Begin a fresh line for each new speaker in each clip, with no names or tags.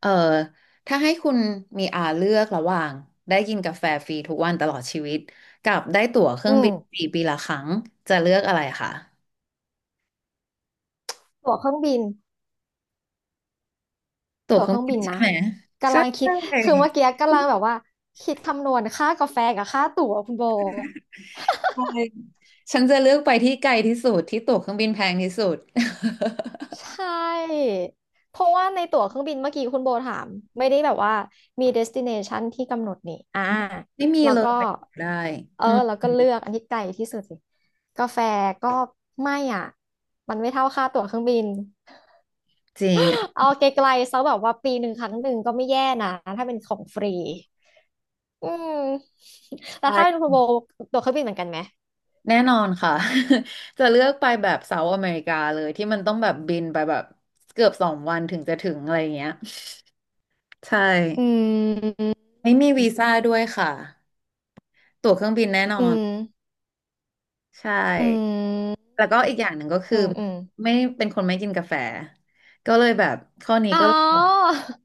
เออถ้าให้คุณมีอาเลือกระหว่างได้กินกาแฟฟรีทุกวันตลอดชีวิตกับได้ตั๋วเครื่
อื
อง
ม
บินฟรีปีละครั้งจะเลือกอะไรคะ
ตั๋วเครื่องบิน
ตั๋ว
ตั๋
เค
วเค
รื่อง
รื่อง
บิน
บิน
ใช่
นะ
ไหม
กำ
ใช่
ลังคิด
ใช่
คือเมื่อกี้กำลังแบบว่าคิดคำนวณค่ากาแฟกับค่าตั๋วคุณโบ
ฉันจะเลือกไปที่ไกลที่สุดที่ตั๋วเครื่องบินแพงที่สุด
ใช่เพราะว่าในตั๋วเครื่องบินเมื่อกี้คุณโบถามไม่ได้แบบว่ามี destination ที่กำหนดนี่
ไม่มี
แล้ว
เลย
ก็
ไปได้
เออ
อืม
แล้วก็เลือกอันที่ไกลที่สุดสิกาแฟก็ไม่อ่ะมันไม่เท่าค่าตั๋วเครื่องบิน
จริง
เอาไกลๆซะแบบว่าปีหนึ่งครั้งหนึ่งก็ไม่แย่นะถ้าเป็นของฟรี อืมแล้วถ้าเป็น
ใช่
คุณโบตัวเครื่องบินเหมือนกันไหม
แน่นอนค่ะ จะเลือกไปแบบเซาท์อเมริกาเลยที่มันต้องแบบบินไปแบบเกือบสองวันถึงจะถึงอะไรอย่างเงี้ยใช่
อืม
ไม่มีวีซ่าด้วยค่ะตั๋วเครื่องบินแน่นอ
อื
น
ม
ใช่
อืม
แล้วก็อีกอย่างหนึ่งก็คื
อื
อ
มอืม
ไม่เป็นคนไม่กินกาแฟก็เลยแบบข้อนี้
อ๋อ
ก็เลยแบบ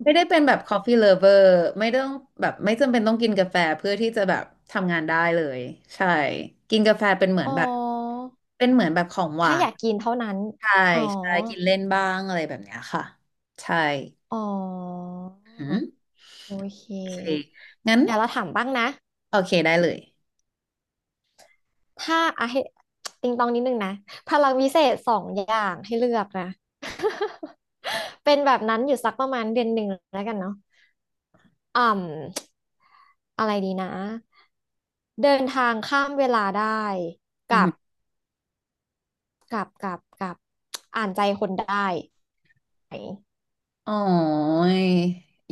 ไม่ได้เป็นแบบ coffee lover ไม่ต้องแบบไม่จำเป็นต้องกินกาแฟเพื่อที่จะแบบทำงานได้เลยใช่กินกาแฟเป็นเหมือน
อ๋อ
แบบเป็นเหมือนแบบของหวา
ถ้าอ
น
ยากกินเท่านั้น
ใช่
อ๋อ
ใช่กินเล่นบ้างอะไรแบบเนี้ยค่ะใช่
อ๋อ
หืม
โอเค
โอเคงั้น
เดี๋ยวเราถามบ้างนะ
โอเคได้เลย
ถ้าอ่ะให้ติงตองนิดนึงนะพลังวิเศษสองอย่างให้เลือกนะ เป็นแบบนั้นอยู่สักประมาณเดือนหนึ่งแล้วกันเนาะ อ่อะไรดีนะเดินทางข้ามเวลาได้กับกับอ่านใจคนได้ ไหน
อ๋อย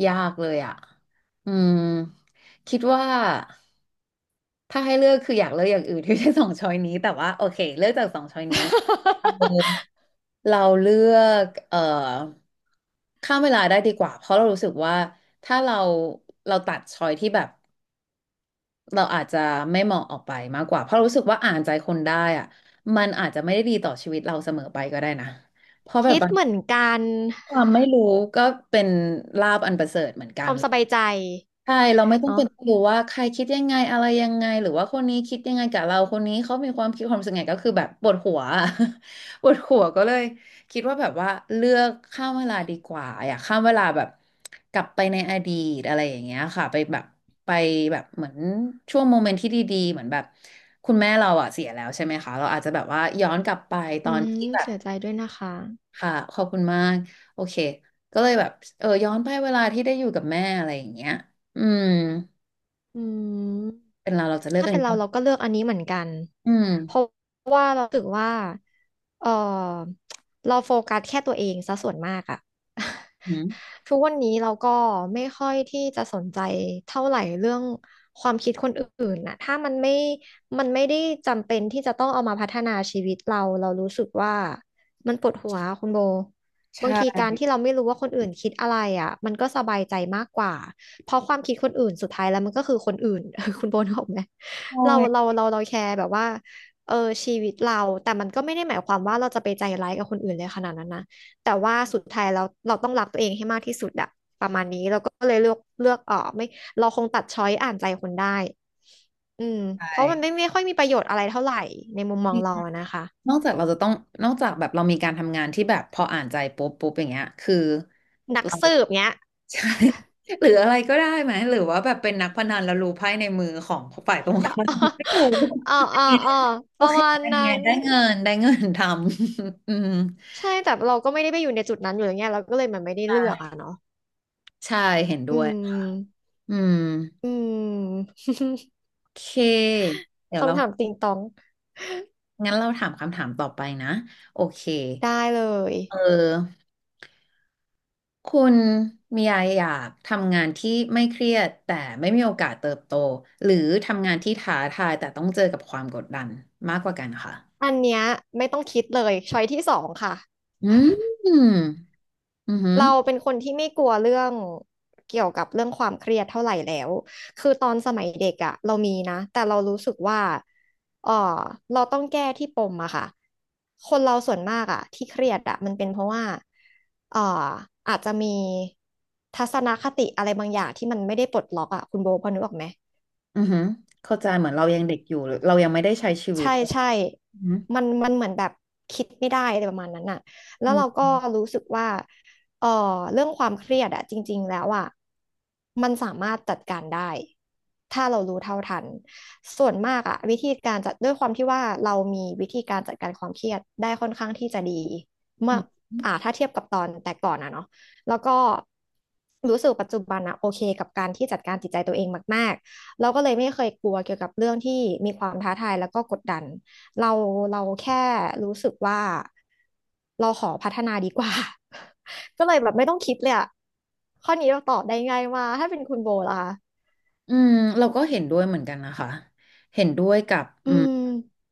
ยากเลยอ่ะอืมคิดว่าถ้าให้เลือกคืออยากเลือกอย่างอื่นที่ไม่ใช่สองช้อยนี้แต่ว่าโอเคเลือกจากสองช้อยนี้เรา เลือกข้ามเวลาได้ดีกว่าเพราะเรารู้สึกว่าถ้าเราเราตัดช้อยที่แบบเราอาจจะไม่เหมาะออกไปมากกว่าเพราะรู้สึกว่าอ่านใจคนได้อ่ะมันอาจจะไม่ได้ดีต่อชีวิตเราเสมอไปก็ได้นะ เพราะแบบ
คิด
บาง
เหมือนกัน
ความไม่รู้ก็เป็นลาภอันประเสริฐเหมือน
ค
กัน
วามสบายใจ
ใช่เราไม่ต้อง
เนาะ
เป็นรู้ว่าใครคิดยังไงอะไรยังไงหรือว่าคนนี้คิดยังไงกับเราคนนี้เขามีความคิดความรู้สึกไงก็คือแบบปวดหัว ปวดหัวก็เลยคิดว่าแบบว่าเลือกข้ามเวลาดีกว่าอยากข้ามเวลาแบบกลับไปในอดีตอะไรอย่างเงี้ยค่ะไปแบบไปแบบเหมือนช่วงโมเมนต์ที่ดีๆเหมือนแบบคุณแม่เราอ่ะเสียแล้วใช่ไหมคะเราอาจจะแบบว่าย้อนกลับไปต
อื
อนที่
ม
แบบ
เสียใจด้วยนะคะ
ค่ะขอบคุณมากโอเคก็เลยแบบเออย้อนไปเวลาที่ได้อยู่กับแม่อะไรอย่างเงี้ยอืม
อืม
เป็นเราเราจะเลือก
ถ้า
อัน
เป็น
นี้
เรา
ก่อน
เราก็เลือกอันนี้เหมือนกัน
อืม
เพราะว่าเรารู้สึกว่าเออเราโฟกัสแค่ตัวเองซะส่วนมากอะ
อืม
ทุกวันนี้เราก็ไม่ค่อยที่จะสนใจเท่าไหร่เรื่องความคิดคนอื่นนะถ้ามันไม่ได้จำเป็นที่จะต้องเอามาพัฒนาชีวิตเรา เรารู้สึกว่ามันปวดหัวคุณโบบางทีการที่เราไม่รู้ว่าคนอื่นคิดอะไรอ่ะมันก็สบายใจมากกว่าเพราะความคิดคนอื่นสุดท้ายแล้วมันก็คือคนอื่น คุณโบนึกออกไหม
ใช
เราเรา
่
เราเราแคร์แบบว่าเออชีวิตเรา แต่มันก็ไม่ได้หมายความว่าเราจะไปใจร้ายกับคนอื่นเลยขนาดนั้นนะแต่ว่าสุดท้ายเราต้องรักตัวเองให้มากที่สุดอะประมาณนี้เราก็เลยเลือกออกไม่เราคงตัดช้อยอ่านใจคนได้อืม
ใช
เพราะมันไม่
่
ไม่ค่อยมีประโยชน์อะไรเท่าไหร่ในมุมมองเราอะนะคะ
นอกจากเราจะต้องนอกจากแบบเรามีการทำงานที่แบบพออ่านใจปุ๊บปุ๊บอย่างเงี้ยคือ
นัก
เรา
สืบเนี้ย
ใช่ หรืออะไรก็ได้ไหมหรือว่าแบบเป็นนักพนันแล้วรู้ไพ่ในมือของฝ่ายตรงข้าม ไม่ถูก
อ่า
อัน
อ่า
เนี้ย
อ่า
โอ
ประ
เค
มาณ
อัน
นั้
เนี้ย
น
ได้เงินได้เงินทำ อืม
ใช่แต่เราก็ไม่ได้ไปอยู่ในจุดนั้นอยู่แล้วไงเราก็เลยมันไม่ได้เลือก
ใช่
อะเนาะ
ใช่เห็นด้
อื
วย
ม
อืม
อืม
โอเคเดี๋ยวเรา
คำถามติงตอง
งั้นเราถามคำถามต่อไปนะโอเค
ได้เลย
เออ คุณมียาอยากทำงานที่ไม่เครียดแต่ไม่มีโอกาสเติบโตหรือทำงานที่ท้าทายแต่ต้องเจอกับความกดดันมากกว่ากันค่ะ
อันเนี้ยไม่ต้องคิดเลยช้อยที่สองค่ะ
อืมอือหือ
เราเป็นคนที่ไม่กลัวเรื่องเกี่ยวกับเรื่องความเครียดเท่าไหร่แล้วคือตอนสมัยเด็กอะเรามีนะแต่เรารู้สึกว่าเออเราต้องแก้ที่ปมอะค่ะคนเราส่วนมากอะที่เครียดอะมันเป็นเพราะว่าเอออาจจะมีทัศนคติอะไรบางอย่างที่มันไม่ได้ปลดล็อกอะคุณโบพอนึกออกไหม
อือหือเข้าใจเหมือนเรายังเด็กอยู่หรือเรายังไม่ได้ใช้ชีวิต
ใช่ใช่
อือหือ
มันเหมือนแบบคิดไม่ได้อะไรประมาณนั้นน่ะแล้
อื
วเรา
ม
ก็รู้สึกว่าเออเรื่องความเครียดอะจริงๆแล้วอะมันสามารถจัดการได้ ถ้าเรารู้เท่าทันส่วนมากอะวิธีการจัดด้วยความที่ว่าเรามีวิธีการจัดการความเครียดได้ค่อนข้างที่จะดีเมื่
อื
อ
ม
ถ้าเทียบกับตอนแต่ก่อนอะเนาะแล้วก็รู้สึกปัจจุบันอะโอเคกับการที่จัดการจิตใจตัวเองมาก เราก็เลยไม่เคยกลัวเกี่ยวกับเรื่องที่มีความท้าทายแล้วก็กดดันเราเราแค่รู้สึกว่าเราขอพัฒนาดีกว่า ก็เลยแบบไม่ต้องคิดเลยอะข้อนี้เราตอบได้ง่ายมากถ้าเป็นคุณโบล่ะคะ
อืมเราก็เห็นด้วยเหมือนกันนะคะเห็นด้วยกับ
อื
อืม
ม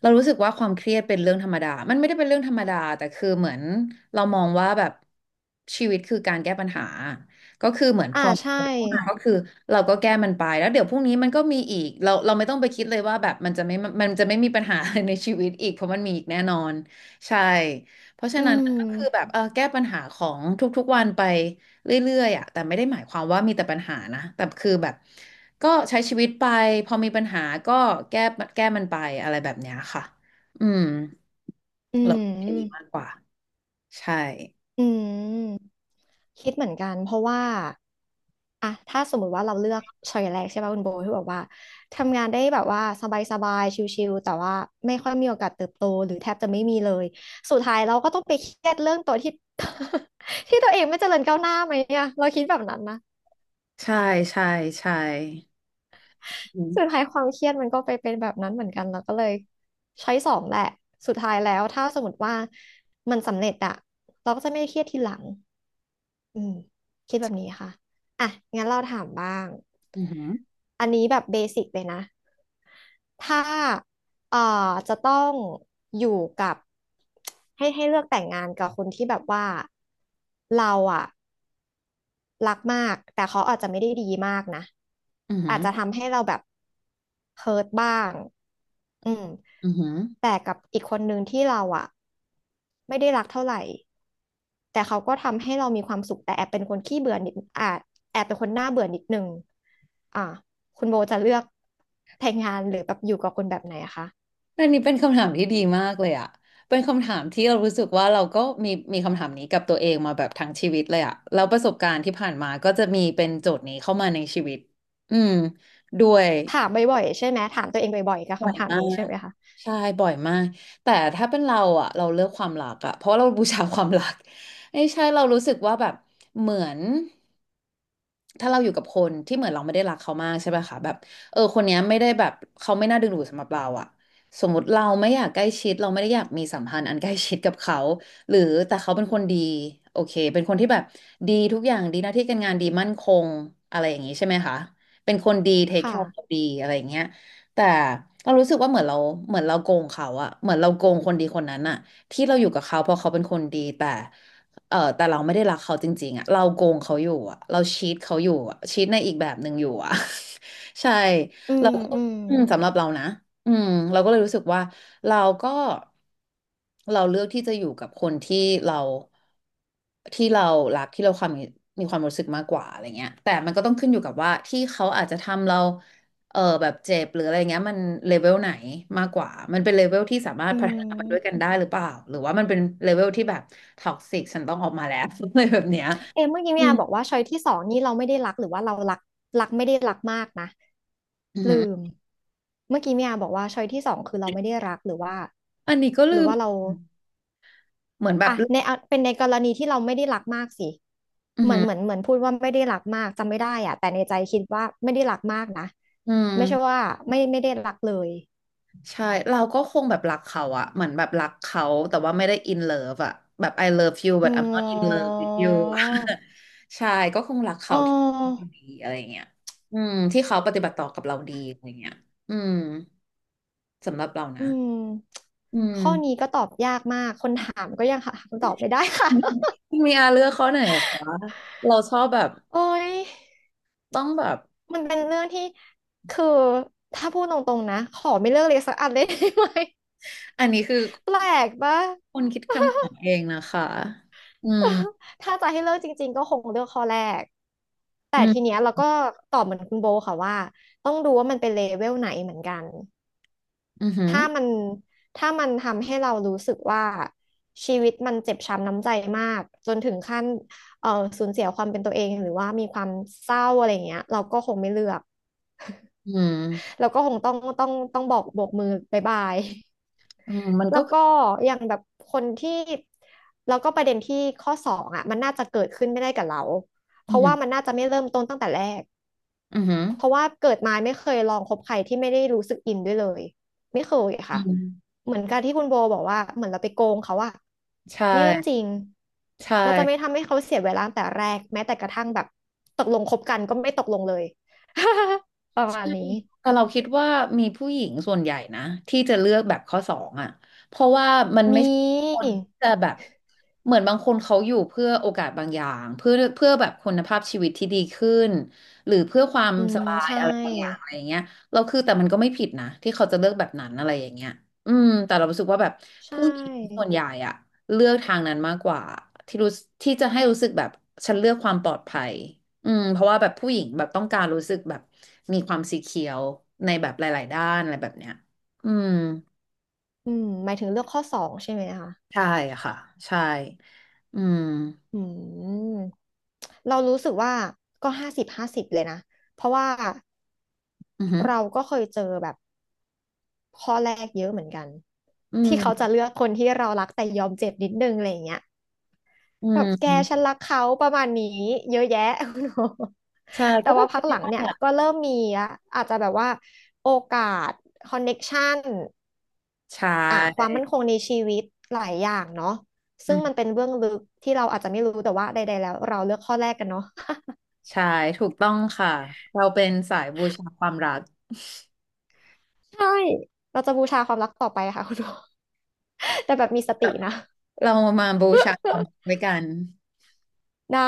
เรารู้สึกว่าความเครียดเป็นเรื่องธรรมดา มันไม่ได้เป็นเรื่องธรรมดาแต่คือเหมือนเรามองว่าแบบชีวิตคือการแก้ปัญหาก็คือเหมือนพ
อ่า
อ
ใช่
มันเข้ามาก็คือเราก็แก้มันไปแล้วเดี๋ยวพรุ่งนี้มันก็มีอีกเราเราไม่ต้องไปคิดเลยว่าแบบมันจะไม่มันจะไม่มีปัญหาอะไรในชีวิตอีกเพราะมันมีอีกแน่นอนใช่เพราะฉะ
อื
นั้นก็คือแบบ
ม
เออแก้ปัญหาของทุกๆวันไป เรื่อยๆอ่ะแต่ไม่ได้หมายความว่ามีแต่ปัญหานะแต่คือแบบก็ใช้ชีวิตไปพอมีปัญหาก็แก้แก้มันไปอะไรแบบเนี้ยค่ะอืม
อื
เราแค่างนี้มาก
ม
กว่าใช่
อืมคิดเหมือนกันเพราะว่า อะถ้าสมมุติว่าเราเลือกช้อยแรกใช่ป่ะคุณโบที่บอกว่าทำงานได้แบบว่าสบายๆชิลๆแต่ว่าไม่ค่อยมีโอกาสเติบโตหรือแทบจะไม่มีเลยสุดท้ายเราก็ต้องไปเครียดเรื่องตัวที่ ที่ตัวเองไม่เจริญก้าวหน้าไหมเนี่ยเราคิดแบบนั้นนะ
ใช่ใช่ใช่อื
สุด
ม
ท้ายความเครียดมันก็ไปเป็นแบบนั้นเหมือนกันเราก็เลยช้อยสองแหละสุดท้ายแล้วถ้าสมมติว่ามันสำเร็จอะเราก็จะไม่เครียดทีหลัง อืมคิดแบบนี้ค่ะ อ่ะ งั้นเราถามบ้าง
อืม
อันนี้แบบเบสิกเลยนะ ถ้าเอ่อจะต้องอยู่กับให้ให้เลือกแต่งงานกับคนที่แบบว่าเราอะรักมากแต่เขาอาจจะไม่ได้ดีมากนะ
ออืม
อาจจะทำให้เราแบบเฮิร์ตบ้างอืม
ออือหือ
แต่กับอีกคนนึงที่เราอะไม่ได้รักเท่าไหร่ แต่เขาก็ทำให้เรามีความสุขแต่แอบเป็นคนขี้เบื่อนิดแอบเป็นคนน่าเบื่อนิดนึงอ่าคุณโบจะเลือกแต่งงานหรือแบบอยู่กับคนแบบไหนอะคะ
อันนี้เป็นคำถามที่ดีมากเลยอ่ะเป็นคำถามที่เรารู้สึกว่าเราก็มีมีคำถามนี้กับตัวเองมาแบบทั้งชีวิตเลยอ่ะแล้วประสบการณ์ที่ผ่านมาก็จะมีเป็นโจทย์นี้เข้ามาในชีวิตอืมด้วย
ถามบ่อยๆใช่ไหมถามตัวเองบ่อยๆกับ
บ่อย
คำถาม
มา
นี้ใช่
ก
ไหมคะ
ใช่บ่อยมากแต่ถ้าเป็นเราอะเราเลือกความรักอะเพราะว่าเราบูชาความรัก ไม่ใช่เรารู้สึกว่าแบบเหมือนถ้าเราอยู่กับคนที่เหมือนเราไม่ได้รักเขามากใช่ไหมคะแบบเออคนเนี้ยไม่ได้แบบเขาไม่น่าดึงดูดสำหรับเราอะสมมติเราไม่อยากใกล้ชิดเราไม่ได้อยากมีสัมพันธ์อันใกล้ชิดกับเขาหรือแต่เขาเป็นคนดีโอเคเป็นคนที่แบบดีทุกอย่างดีหน้าที่การงานดีมั่นคงอะไรอย่างนี้ใช่ไหมคะเป็นคนดีเทคแค
ค่ะ
ร์ดีอะไรอย่างเงี้ย แต่เรารู้สึกว่าเหมือนเราโกงเขาอะเหมือนเราโกงคนดีคนนั้นอะที่เราอยู่กับเขาเพราะเขาเป็นคนดีแต่แต่เราไม่ได้รักเขาจริงๆอะเราโกงเขาอยู่อะเราชีทเขาอยู่อะชีทในอีกแบบหนึ่งอยู่อะ ใช่
อื
เรา
ม
ก็
อืม
อืมสำหรับเรานะอืมเราก็เลยรู้สึกว่าเราก็เราเลือกที่จะอยู่กับคนที่เราเรารักที่เรามีความรู้สึกมากกว่าอะไรเงี้ยแต่มันก็ต้องขึ้นอยู่กับว่าที่เขาอาจจะทำเราแบบเจ็บหรืออะไรเงี้ยมันเลเวลไหนมากกว่ามันเป็นเลเวลที่สามารถ
อื
พัฒนาไปด้วยกัน
ม
ได้หรือเปล่าหรือว่ามันเป็นเลเวลที่แบบท็อกซิกฉันต้องออกมาแล้ว อะไรแบบเนี้ย
เอมเมื่อกี้
อื
เนี่ย
ม
บอกว่าช้อยที่สองนี่เราไม่ได้รักหรือว่าเรารักไม่ได้รักมากนะ
อือหือ
ลืมเมื่อกี้เมียบอกว่าช้อยที่สองคือเราไม่ได้รักหรือว่า
อันนี้ก็
ห
ลื
รือ
ม
ว่าเรา
เหมือนแบบ
อ่ะในเอาเป็นในกรณีที่เราไม่ได้รักมากสิ
อือ
เหมื
หื
อน
อ
เหมือนเหมือนพูดว่าไม่ได้รักมากจำไม่ได้อ่ะแต่ในใจคิดว่าไม่ได้รักมากนะ
อื
ไม่ใช่
ม
ว่าไม่ได้รักเลย
ใช่เราก็คงแบบรักเขาอะเหมือนแบบรักเขาแต่ว่าไม่ได้ in love อะแบบ I love you
อื
but I'm not in love
ม
with you อะใช่ก็คงรัก
อ๋
เขาที่
อ
ดีอะไรเงี้ยอืมที่เขาปฏิบัติต่อกับเราดีอะไรเงี้ยอืมสำหรับเรา
อื
นะ
ม
อื
ข้อนี้
ม
ก็ตอบยากมากคนถามก็ยังหาคำตอบไม่ได้ค่ะ
มีอาเลือกข้อไหนอะคะเราชอบแบบ
โอ้ย
ต้องแบบ
มันเป็นเรื่องที่คือถ้าพูดตรงๆนะขอไม่เลือกเลยสักอันเลย ได้ไหม
อันนี้คือ
แปลกปะ
คนคิดคำถามเองนะคะอืม
ถ้าจะให้เลือกจริงๆก็คงเลือกข้อแรก แต่
อื
ทีเนี้
ม
ยเราก็ตอบเหมือนคุณโบค่ะว่าต้องดูว่ามันเป็นเลเวลไหนเหมือนกัน
อือหือ
ถ้ามันถ้ามันทำให้เรารู้สึกว่าชีวิตมันเจ็บช้ำน้ำใจมากจนถึงขั้นเอ่อสูญเสียความเป็นตัวเองหรือว่ามีความเศร้าอะไรอย่างเงี้ยเราก็คงไม่เลือก
อืม
เราก็คงต้องบอกโบกมือบายบาย
อืมมัน
แล้
ก็
ว
คือ
ก็อย่างแบบคนที่แล้วก็ประเด็นที่ข้อสองอ่ะมันน่าจะเกิดขึ้นไม่ได้กับเราเพ
อือ
ราะ
หื
ว่า
อ
มันน่าจะไม่เริ่มต้นตั้งแต่แรก
อือหือ
เพราะว่าเกิดมาไม่เคยลองคบใครที่ไม่ได้รู้สึกอินด้วยเลยไม่เคย
อื
ค่ะ
ม
เหมือนการที่คุณโบบอกว่าเหมือนเราไปโกงเขาอะ
ใช่
นี่เรื่องจริง
ใช่
เราจะไม่ทำให้เขาเสียเวลาตั้งแต่แรกแม้แต่กระทั่งแบบตกลงคบกันก็ไม่ตกลงเลย ประ
ใช่
มาณนี้
แต่เราคิดว่ามีผู้หญิงส่วนใหญ่นะที่จะเลือกแบบข้อสองอ่ะเพราะว่ามัน
ม
ไม่ใช่ค
ี
นที่จะแบบเหมือนบางคนเขาอยู่เพื่อโอกาสบางอย่างเพื่อแบบคุณภาพชีวิตที่ดีขึ้นหรือเพื่อความ
อื
ส
ม
บาย
ใช่
อะไรบางอย่างอะไรอย่างเงี้ยเราคือแต่มันก็ไม่ผิดนะที่เขาจะเลือกแบบนั้นอะไรอย่างเงี้ยอืมแต่เรารู้สึกว่าแบบ
ใช
ผู้หญิงส่ว
่
นใหญ่อ่ะเลือกทางนั้นมากกว่าที่รู้ที่จะให้รู้สึกแบบฉันเลือกความปลอดภัย อืมเพราะว่าแบบผู้หญิงแบบต้องการรู้สึกแบบมีความสีเขียวในแบบหลายๆด้านอะไรแบบเนี้ยอืม
อืมหมายถึงเลือกข้อสองใช่ไหมคะ
ใช่ค่ะใช่อืม
อืมเรารู้สึกว่าก็50-50เลยนะเพราะว่า
อือหือ
เราก็เคยเจอแบบข้อแรกเยอะเหมือนกัน
อื
ที่เขา
ม
จะเลือกคนที่เรารักแต่ยอมเจ็บนิดนึงอะไรอย่างเงี้ย
อื
แบบแกฉั
ม
นรักเขาประมาณนี้เยอะแยะ
ใช่ก็
แต่
ต้อ
ว่า
ง
พั
เป็
ก
น
ห
ได้
ลังเนี่ย
อ่ะ
ก็เริ่มมีอะอาจจะแบบว่าโอกาสคอนเน็กชัน
ใช่
อ่ะความมั่นคงในชีวิตหลายอย่างเนาะ
อื
ซึ่งมันเป็
ม
นเบื้องลึกที่เราอาจจะไม่รู้แต่ว่าใดๆแล้วเราเลือกข้อแรกกันเนาะ
ใช่ถูกต้องค่ะเราเป็นสายบูชาความรัก
ใช่เราจะบูชาความรักต่อไปค่ะคุณโอ แต่แบบมีสตินะ
เรามาบูชาความรักด้วยกัน
ได้